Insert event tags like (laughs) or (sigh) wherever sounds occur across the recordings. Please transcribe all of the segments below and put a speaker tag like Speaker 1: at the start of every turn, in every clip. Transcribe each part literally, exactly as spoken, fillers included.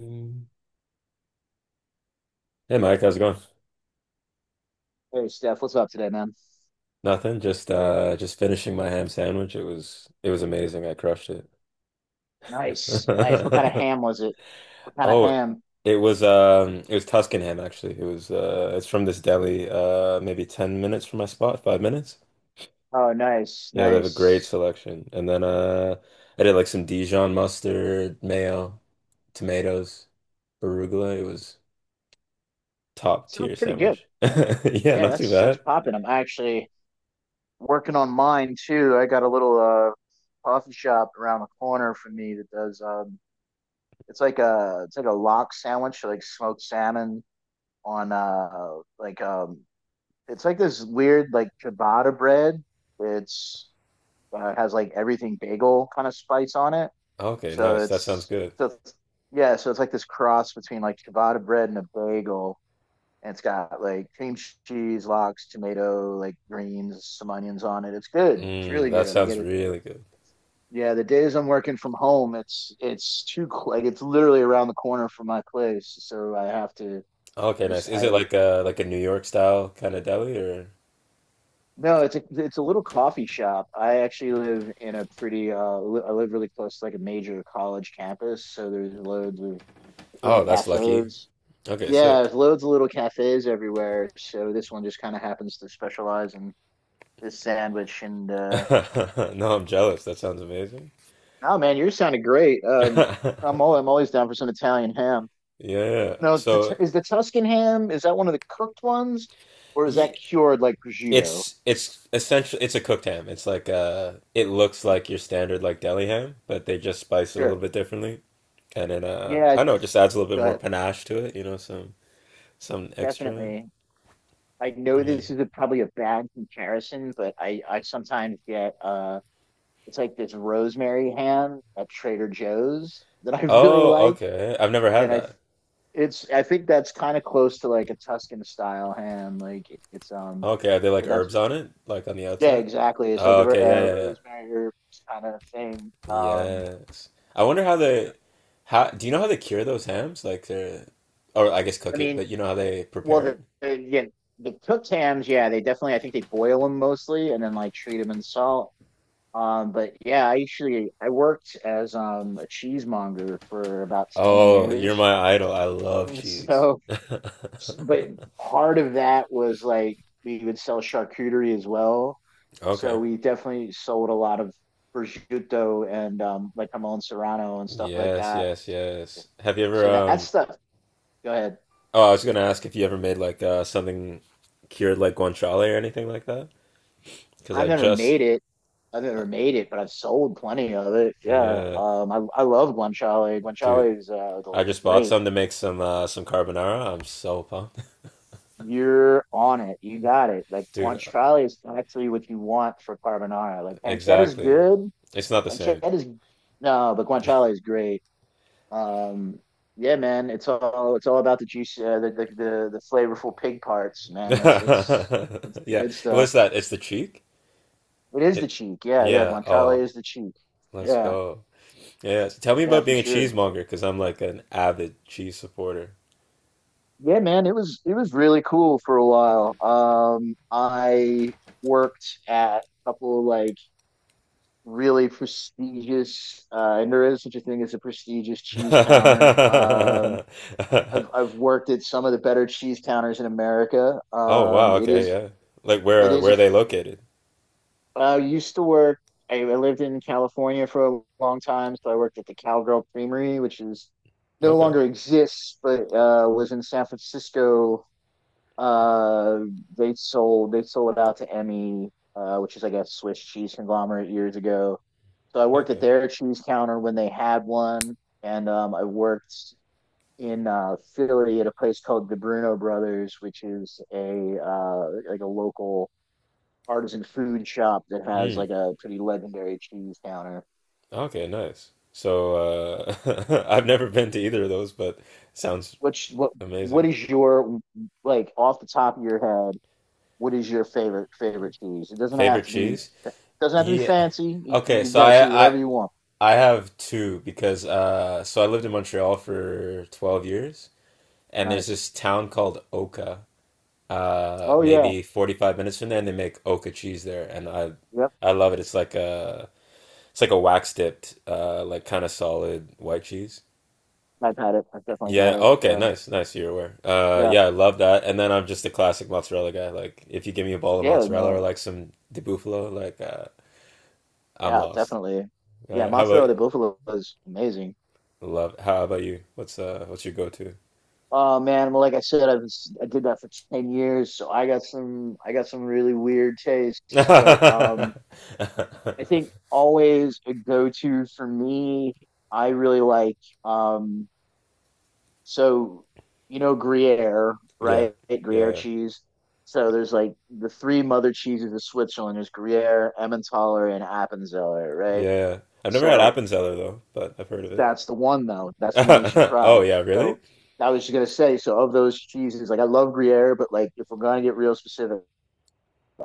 Speaker 1: Mm. Hey Mike, how's it going?
Speaker 2: Hey Steph, what's up today, man?
Speaker 1: Nothing, just uh just finishing my ham sandwich. It was it was amazing. I crushed it.
Speaker 2: Nice, nice. What kind of ham
Speaker 1: (laughs)
Speaker 2: was it? What kind of
Speaker 1: Oh,
Speaker 2: ham?
Speaker 1: it was um it was Tuscan ham actually. It was uh it's from this deli uh maybe ten minutes from my spot, five minutes.
Speaker 2: Oh, nice,
Speaker 1: Yeah, they have a great
Speaker 2: nice.
Speaker 1: selection. And then uh I did like some Dijon mustard, mayo, tomatoes, arugula. It was top
Speaker 2: Sounds
Speaker 1: tier
Speaker 2: pretty good.
Speaker 1: sandwich. (laughs) Yeah,
Speaker 2: Yeah,
Speaker 1: not too
Speaker 2: that's that's
Speaker 1: bad.
Speaker 2: popping. I'm actually working on mine too. I got a little uh coffee shop around the corner from me that does um it's like a it's like a lock sandwich, like smoked salmon on uh like um it's like this weird like ciabatta bread. It's uh, Has like everything bagel kind of spice on it.
Speaker 1: Okay,
Speaker 2: So
Speaker 1: nice. That sounds
Speaker 2: it's
Speaker 1: good.
Speaker 2: so it's, yeah, so it's like this cross between like ciabatta bread and a bagel, and it's got like cream cheese, lox, tomato, like greens, some onions on it. It's good. It's
Speaker 1: Mm,
Speaker 2: really
Speaker 1: that
Speaker 2: good. I get
Speaker 1: sounds
Speaker 2: it.
Speaker 1: really good.
Speaker 2: Yeah, the days I'm working from home, it's it's too cl- like it's literally around the corner from my place, so I have to.
Speaker 1: Oh,
Speaker 2: I
Speaker 1: okay,
Speaker 2: just
Speaker 1: nice. Is it
Speaker 2: I
Speaker 1: like a like a New York style kind of deli or?
Speaker 2: No, it's a it's a little coffee shop. I actually live in a pretty uh li- I live really close to like a major college campus, so there's loads of little
Speaker 1: Oh, that's lucky.
Speaker 2: cafes.
Speaker 1: Okay,
Speaker 2: Yeah,
Speaker 1: sick.
Speaker 2: there's loads of little cafes everywhere. So this one just kind of happens to specialize in this sandwich. And uh,
Speaker 1: (laughs) No, I'm jealous. That sounds amazing.
Speaker 2: oh man, yours sounded great. Um, I'm all, I'm
Speaker 1: (laughs)
Speaker 2: always down for some Italian ham.
Speaker 1: Yeah.
Speaker 2: No, is the
Speaker 1: So
Speaker 2: is the Tuscan ham? Is that one of the cooked ones, or is
Speaker 1: ye
Speaker 2: that cured like prosciutto?
Speaker 1: it's it's essentially it's a cooked ham. It's like uh it looks like your standard like deli ham, but they just spice it a little
Speaker 2: Sure.
Speaker 1: bit differently. And then uh
Speaker 2: Yeah,
Speaker 1: I don't know, it
Speaker 2: it's,
Speaker 1: just adds a little bit
Speaker 2: go
Speaker 1: more
Speaker 2: ahead.
Speaker 1: panache to it, you know, some some extra.
Speaker 2: Definitely. I know
Speaker 1: Yeah.
Speaker 2: this is a, probably a bad comparison, but I I sometimes get uh, it's like this rosemary ham at Trader Joe's that I (laughs) really
Speaker 1: Oh,
Speaker 2: like.
Speaker 1: okay. I've never had.
Speaker 2: and I it's I think that's kind of close to like a Tuscan style ham. Like it's um,
Speaker 1: Okay, are there like
Speaker 2: but that's
Speaker 1: herbs on it? Like on the
Speaker 2: Yeah,
Speaker 1: outside?
Speaker 2: exactly. It's like
Speaker 1: Oh,
Speaker 2: a,
Speaker 1: okay, yeah,
Speaker 2: a
Speaker 1: yeah, yeah.
Speaker 2: rosemary herb kind of thing. Um,
Speaker 1: Yes. I wonder how they, how do you know how they cure those hams? Like they're, or I guess
Speaker 2: I
Speaker 1: cook it,
Speaker 2: mean,
Speaker 1: but you know how they
Speaker 2: well,
Speaker 1: prepare
Speaker 2: the,
Speaker 1: it?
Speaker 2: the yeah, the cooked hams, yeah, they definitely. I think they boil them mostly and then like treat them in salt. Um, but yeah, I actually I worked as um a cheesemonger for about ten
Speaker 1: Oh, you're
Speaker 2: years,
Speaker 1: my idol. I
Speaker 2: (laughs)
Speaker 1: love
Speaker 2: and
Speaker 1: cheese.
Speaker 2: so
Speaker 1: (laughs)
Speaker 2: but part of that was like we would sell charcuterie as well. So
Speaker 1: Okay.
Speaker 2: we definitely sold a lot of prosciutto and um, like jamon serrano and stuff like
Speaker 1: Yes,
Speaker 2: that.
Speaker 1: yes, yes. Have you ever
Speaker 2: So that
Speaker 1: um
Speaker 2: stuff, go ahead.
Speaker 1: oh, I was gonna ask if you ever made like uh something cured like guanciale or anything like that? Because
Speaker 2: I've
Speaker 1: I
Speaker 2: never
Speaker 1: just
Speaker 2: made it. I've
Speaker 1: uh,
Speaker 2: never made it, but I've sold plenty of it. Yeah.
Speaker 1: yeah,
Speaker 2: Um, I, I love guanciale.
Speaker 1: dude.
Speaker 2: Guanciale is uh,
Speaker 1: I just bought
Speaker 2: great.
Speaker 1: some to make some uh, some carbonara. I'm so pumped.
Speaker 2: You're on it. You got it. Like
Speaker 1: (laughs) Dude.
Speaker 2: guanciale is actually what you want for carbonara. Like pancetta is
Speaker 1: Exactly.
Speaker 2: good,
Speaker 1: It's not the
Speaker 2: Chad
Speaker 1: same.
Speaker 2: is No, but Guanciale is great. Um, yeah, man, it's all it's all about the juice, uh, the, the the the flavorful pig parts,
Speaker 1: (laughs)
Speaker 2: man. That's that's that's the
Speaker 1: Yeah,
Speaker 2: good
Speaker 1: it was
Speaker 2: stuff.
Speaker 1: that. It's the cheek.
Speaker 2: It is the
Speaker 1: It.
Speaker 2: cheek, yeah, yeah.
Speaker 1: Yeah. Oh,
Speaker 2: Guanciale is the cheek,
Speaker 1: let's
Speaker 2: yeah,
Speaker 1: go. Yeah. So tell me
Speaker 2: yeah,
Speaker 1: about
Speaker 2: for
Speaker 1: being a
Speaker 2: sure.
Speaker 1: cheesemonger because I'm like an avid cheese supporter.
Speaker 2: Yeah, man, it was it was really cool for a while. Um, I worked at a couple of like really prestigious, uh, and there is such a thing as a prestigious cheese counter. Um,
Speaker 1: (laughs)
Speaker 2: I've I've worked at some of the better cheese counters in America.
Speaker 1: Oh wow.
Speaker 2: Um, it
Speaker 1: Okay.
Speaker 2: is
Speaker 1: Yeah. Like
Speaker 2: it
Speaker 1: where
Speaker 2: is a.
Speaker 1: where are
Speaker 2: I
Speaker 1: they located?
Speaker 2: used to work. I, I lived in California for a long time, so I worked at the Cowgirl Creamery, which is no
Speaker 1: Okay.
Speaker 2: longer exists, but uh, was in San Francisco. Uh, they sold they sold it out to Emmy, uh, which is like a Swiss cheese conglomerate years ago. So I worked at
Speaker 1: Okay.
Speaker 2: their cheese counter when they had one, and um, I worked in uh, Philly at a place called the Bruno Brothers, which is a uh, like a local artisan food shop that has
Speaker 1: Mm.
Speaker 2: like a pretty legendary cheese counter.
Speaker 1: Okay. Nice. So uh, (laughs) I've never been to either of those, but sounds
Speaker 2: Which what what
Speaker 1: amazing.
Speaker 2: is your like off the top of your head? What is your favorite favorite cheese? It doesn't have
Speaker 1: Favorite
Speaker 2: to be
Speaker 1: cheese?
Speaker 2: doesn't have to be
Speaker 1: Yeah.
Speaker 2: fancy. You, you
Speaker 1: Okay,
Speaker 2: can
Speaker 1: so
Speaker 2: have see
Speaker 1: I
Speaker 2: whatever
Speaker 1: I
Speaker 2: you want.
Speaker 1: I have two because uh so I lived in Montreal for twelve years and there's
Speaker 2: Nice.
Speaker 1: this town called Oka. Uh
Speaker 2: Oh yeah.
Speaker 1: maybe forty-five minutes from there and they make Oka cheese there and I
Speaker 2: Yep.
Speaker 1: I love it. It's like a it's like a wax dipped uh like kind of solid white cheese.
Speaker 2: I've had it. I've definitely had
Speaker 1: Yeah,
Speaker 2: it.
Speaker 1: okay,
Speaker 2: So
Speaker 1: nice. Nice you're aware. Uh
Speaker 2: yeah.
Speaker 1: yeah, I love that. And then I'm just a classic mozzarella guy. Like if you give me a ball of
Speaker 2: Yeah.
Speaker 1: mozzarella or
Speaker 2: No.
Speaker 1: like some di bufalo, like uh I'm
Speaker 2: Yeah.
Speaker 1: lost.
Speaker 2: Definitely. Yeah.
Speaker 1: Right? How
Speaker 2: Mozzarella
Speaker 1: about.
Speaker 2: di Buffalo is amazing.
Speaker 1: Love it. How about you? What's uh what's your go-to?
Speaker 2: Oh man, well, like I said, I was I did that for ten years, so I got some I got some really weird tastes. But um, I
Speaker 1: (laughs)
Speaker 2: think always a go-to for me. I really like. um, so you know Gruyere,
Speaker 1: Yeah.
Speaker 2: right? Gruyere
Speaker 1: Yeah.
Speaker 2: cheese. So there's like the three mother cheeses of Switzerland. There's Gruyere, Emmentaler, and Appenzeller, right?
Speaker 1: Yeah. I've never had
Speaker 2: So
Speaker 1: Appenzeller though, but I've heard of it.
Speaker 2: that's the one though. That's the one you should
Speaker 1: (laughs) Oh
Speaker 2: try.
Speaker 1: yeah, really?
Speaker 2: So I was just gonna say, so of those cheeses, like I love Gruyere, but like if we're gonna get real specific,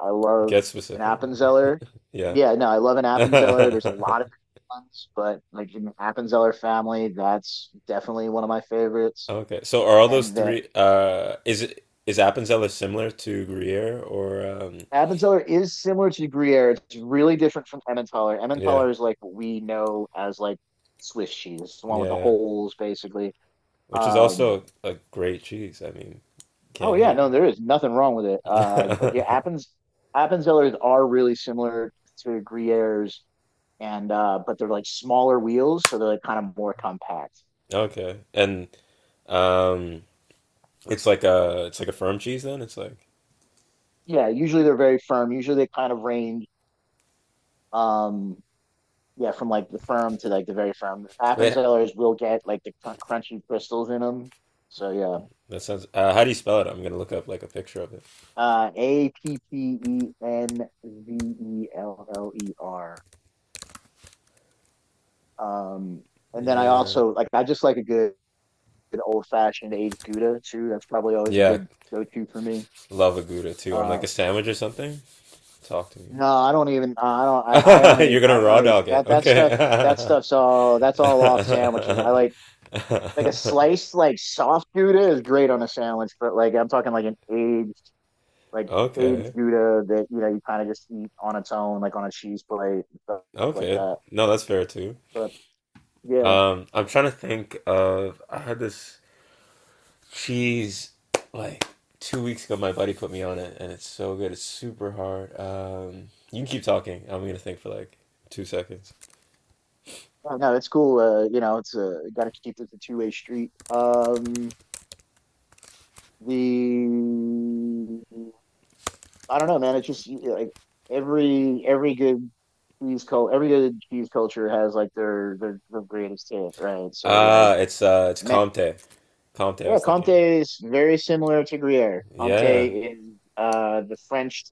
Speaker 2: I love
Speaker 1: Get
Speaker 2: an
Speaker 1: specific.
Speaker 2: Appenzeller.
Speaker 1: (laughs) Yeah.
Speaker 2: Yeah, no, I love an Appenzeller. There's a
Speaker 1: (laughs)
Speaker 2: lot of different ones, but like in the Appenzeller family, that's definitely one of my favorites.
Speaker 1: Okay. So are all those
Speaker 2: And the
Speaker 1: three uh is it is Appenzeller similar to Gruyere or um
Speaker 2: Appenzeller is similar to Gruyere. It's really different from Emmentaler.
Speaker 1: yeah.
Speaker 2: Emmentaler is like what we know as like Swiss cheese, the one with
Speaker 1: Yeah,
Speaker 2: the
Speaker 1: yeah.
Speaker 2: holes, basically.
Speaker 1: Which is
Speaker 2: Um,
Speaker 1: also a great cheese. I mean,
Speaker 2: Oh
Speaker 1: can't
Speaker 2: yeah,
Speaker 1: hate.
Speaker 2: no, there is nothing wrong with it. Uh, but yeah,
Speaker 1: (laughs)
Speaker 2: Appens Appenzellers are really similar to Gruyères, and uh, but they're like smaller wheels, so they're like kind of more compact.
Speaker 1: Okay. And um it's like a it's like a firm cheese then. It's like,
Speaker 2: Yeah, usually they're very firm. Usually they kind of range, um, yeah, from like the firm to like the very firm.
Speaker 1: wait,
Speaker 2: Appenzellers will get like the cr crunchy crystals in them. So yeah,
Speaker 1: that sounds. Uh, how do you spell it? I'm gonna look up like a picture of it.
Speaker 2: uh, A P P E N V E L L E R. Um, and then I
Speaker 1: Yeah,
Speaker 2: also like I just like a good Good old fashioned aged Gouda too. That's probably always a
Speaker 1: yeah,
Speaker 2: good go to for me.
Speaker 1: love a gouda too on like
Speaker 2: Uh,
Speaker 1: a sandwich or something. Talk to me.
Speaker 2: no, I don't even. uh, I don't. I, I
Speaker 1: (laughs)
Speaker 2: only.
Speaker 1: You're
Speaker 2: I
Speaker 1: gonna raw
Speaker 2: only
Speaker 1: dog it,
Speaker 2: that that stuff. That
Speaker 1: okay?
Speaker 2: stuff's all. That's all off sandwiches. I like like a
Speaker 1: (laughs)
Speaker 2: sliced like soft Gouda is great on a sandwich, but like I'm talking like an aged like aged
Speaker 1: Okay,
Speaker 2: Gouda that you know you kind of just eat on its own, like on a cheese plate and stuff, stuff like
Speaker 1: okay.
Speaker 2: that.
Speaker 1: No, that's fair too.
Speaker 2: But yeah.
Speaker 1: Um, I'm trying to think of. I had this. She's like two weeks ago. My buddy put me on it, and it's so good. It's super hard. Um, you can keep talking. I'm gonna think for like two seconds.
Speaker 2: Oh, no, it's cool. Uh, you know, it's uh, got to keep it a two-way street. Um, the I don't know, man. It's just like every every good cheese cult, every good cheese culture has like their their, their greatest hit, right? So like,
Speaker 1: Ah, it's uh, it's
Speaker 2: man,
Speaker 1: Comte. Comte. I
Speaker 2: yeah,
Speaker 1: was
Speaker 2: Comte
Speaker 1: thinking.
Speaker 2: is very similar to Gruyere. Comte
Speaker 1: Yeah,
Speaker 2: is uh the French,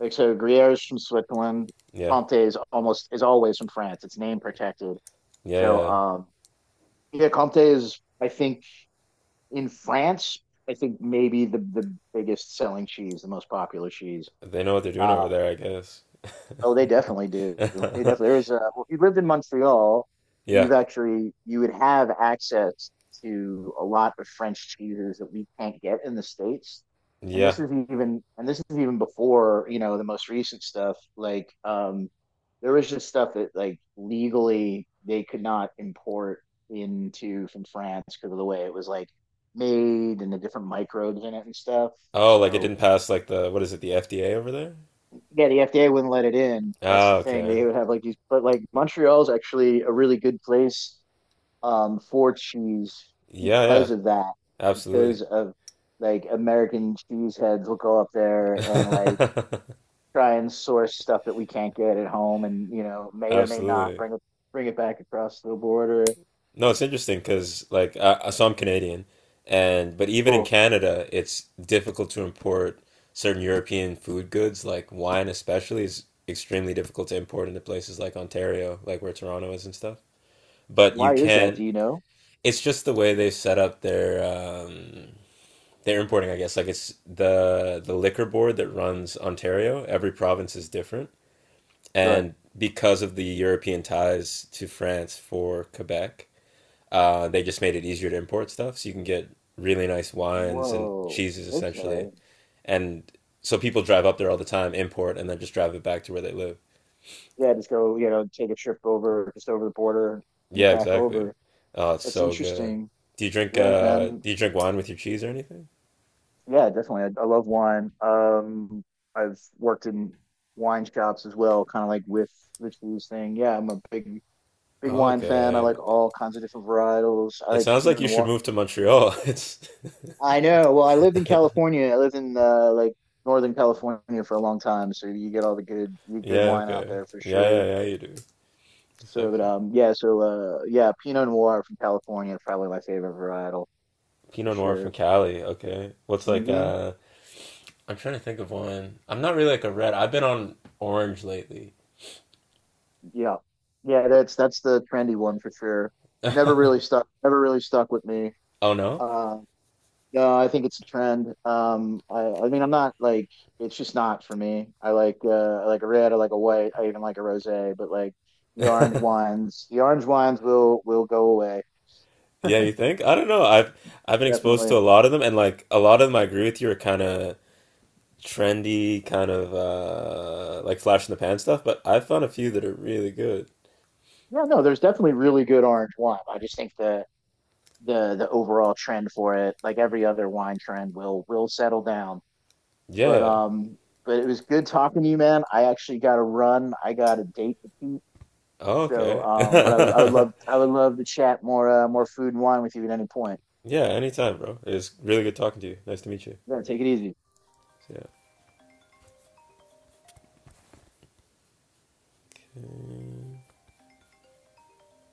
Speaker 2: like so Gruyere is from Switzerland.
Speaker 1: yeah,
Speaker 2: Comte is almost is always from France. It's name protected.
Speaker 1: yeah,
Speaker 2: So
Speaker 1: yeah.
Speaker 2: um, yeah, Comte is I think in France, I think maybe the the biggest selling cheese, the most popular cheese.
Speaker 1: They know what they're doing over
Speaker 2: Um,
Speaker 1: there, I guess.
Speaker 2: Oh, they definitely do. They definitely there
Speaker 1: (laughs)
Speaker 2: is a Well, if you lived in Montreal,
Speaker 1: Yeah,
Speaker 2: you've actually you would have access to a lot of French cheeses that we can't get in the States. And this
Speaker 1: yeah.
Speaker 2: is even and this is even before, you know, the most recent stuff. Like um there was just stuff that like legally they could not import into from France because of the way it was like made and the different microbes in it and stuff.
Speaker 1: Oh, like it
Speaker 2: So
Speaker 1: didn't pass like the what is it, the F D A over there?
Speaker 2: yeah, the F D A wouldn't let it in. That's the
Speaker 1: Ah,
Speaker 2: thing.
Speaker 1: okay.
Speaker 2: They would have like these, but like Montreal's actually a really good place um, for cheese
Speaker 1: Yeah, yeah.
Speaker 2: because of that,
Speaker 1: Absolutely.
Speaker 2: because of like American cheese heads will go up
Speaker 1: (laughs)
Speaker 2: there and like try and source stuff that we can't get at home, and you know may or may not
Speaker 1: Absolutely.
Speaker 2: bring it bring it back across the border.
Speaker 1: No, it's interesting because like I, so I'm Canadian, and but even in
Speaker 2: Cool.
Speaker 1: Canada, it's difficult to import certain European food goods, like wine especially, is extremely difficult to import into places like Ontario, like where Toronto is and stuff. But you
Speaker 2: Why is that? Do
Speaker 1: can.
Speaker 2: you know?
Speaker 1: It's just the way they set up their um, their importing, I guess. Like it's the the liquor board that runs Ontario. Every province is different,
Speaker 2: Sure.
Speaker 1: and because of the European ties to France for Quebec. Uh, they just made it easier to import stuff, so you can get really nice wines and
Speaker 2: Whoa.
Speaker 1: cheeses essentially.
Speaker 2: Okay.
Speaker 1: And so people drive up there all the time, import, and then just drive it back to where they live.
Speaker 2: Yeah, just go. You know, take a trip over, just over the border, bring it
Speaker 1: Yeah,
Speaker 2: back
Speaker 1: exactly.
Speaker 2: over.
Speaker 1: Oh, it's
Speaker 2: That's
Speaker 1: so good.
Speaker 2: interesting.
Speaker 1: Do you drink
Speaker 2: Yeah,
Speaker 1: uh
Speaker 2: man.
Speaker 1: do you drink wine with your cheese or anything?
Speaker 2: Yeah, definitely. I, I love wine. Um, I've worked in wine shops as well, kind of like with Rich Lou's thing. Yeah, I'm a big, big wine fan. I
Speaker 1: Okay.
Speaker 2: like all kinds of different varietals. I
Speaker 1: It
Speaker 2: like
Speaker 1: sounds like
Speaker 2: Pinot
Speaker 1: you should
Speaker 2: Noir.
Speaker 1: move to Montreal. (laughs) It's.
Speaker 2: I know. Well, I lived in
Speaker 1: (laughs)
Speaker 2: California. I lived in uh, like Northern California for a long time, so you get all the good, the good
Speaker 1: Yeah,
Speaker 2: wine out
Speaker 1: okay.
Speaker 2: there for
Speaker 1: Yeah, yeah,
Speaker 2: sure.
Speaker 1: yeah, you do.
Speaker 2: So, but
Speaker 1: Sexy.
Speaker 2: um, yeah. So, uh, yeah, Pinot Noir from California, probably my favorite varietal for
Speaker 1: Pinot Noir from
Speaker 2: sure.
Speaker 1: Cali, okay. What's like
Speaker 2: Mm-hmm.
Speaker 1: uh. I'm trying to think of one. I'm not really like a red. I've been on orange lately.
Speaker 2: Yeah. Yeah, that's that's the trendy one for sure. Never really stuck never really stuck with me.
Speaker 1: Oh no?
Speaker 2: Uh no, I think it's a trend. Um I I mean I'm not like it's just not for me. I like uh I like a red, I like a white, I even like a rosé, but like the orange wines, the orange wines will will go away.
Speaker 1: Yeah, you think? I don't know. I've I've been exposed
Speaker 2: Definitely.
Speaker 1: to a lot of them, and like a lot of them, I agree with you, are kind of trendy, kind of uh like flash in the pan stuff. But I found a few that are really good.
Speaker 2: Yeah, no, there's definitely really good orange wine. I just think the the the overall trend for it, like every other wine trend will will settle down. But
Speaker 1: Yeah.
Speaker 2: um, but it was good talking to you, man. I actually got to run. I got a date to keep.
Speaker 1: Oh,
Speaker 2: So
Speaker 1: okay.
Speaker 2: um, but I would I would
Speaker 1: (laughs)
Speaker 2: love I would love to chat more uh, more food and wine with you at any point.
Speaker 1: Yeah. Anytime, bro. It was really good talking to you. Nice to meet you.
Speaker 2: Yeah, take it easy.
Speaker 1: Yeah.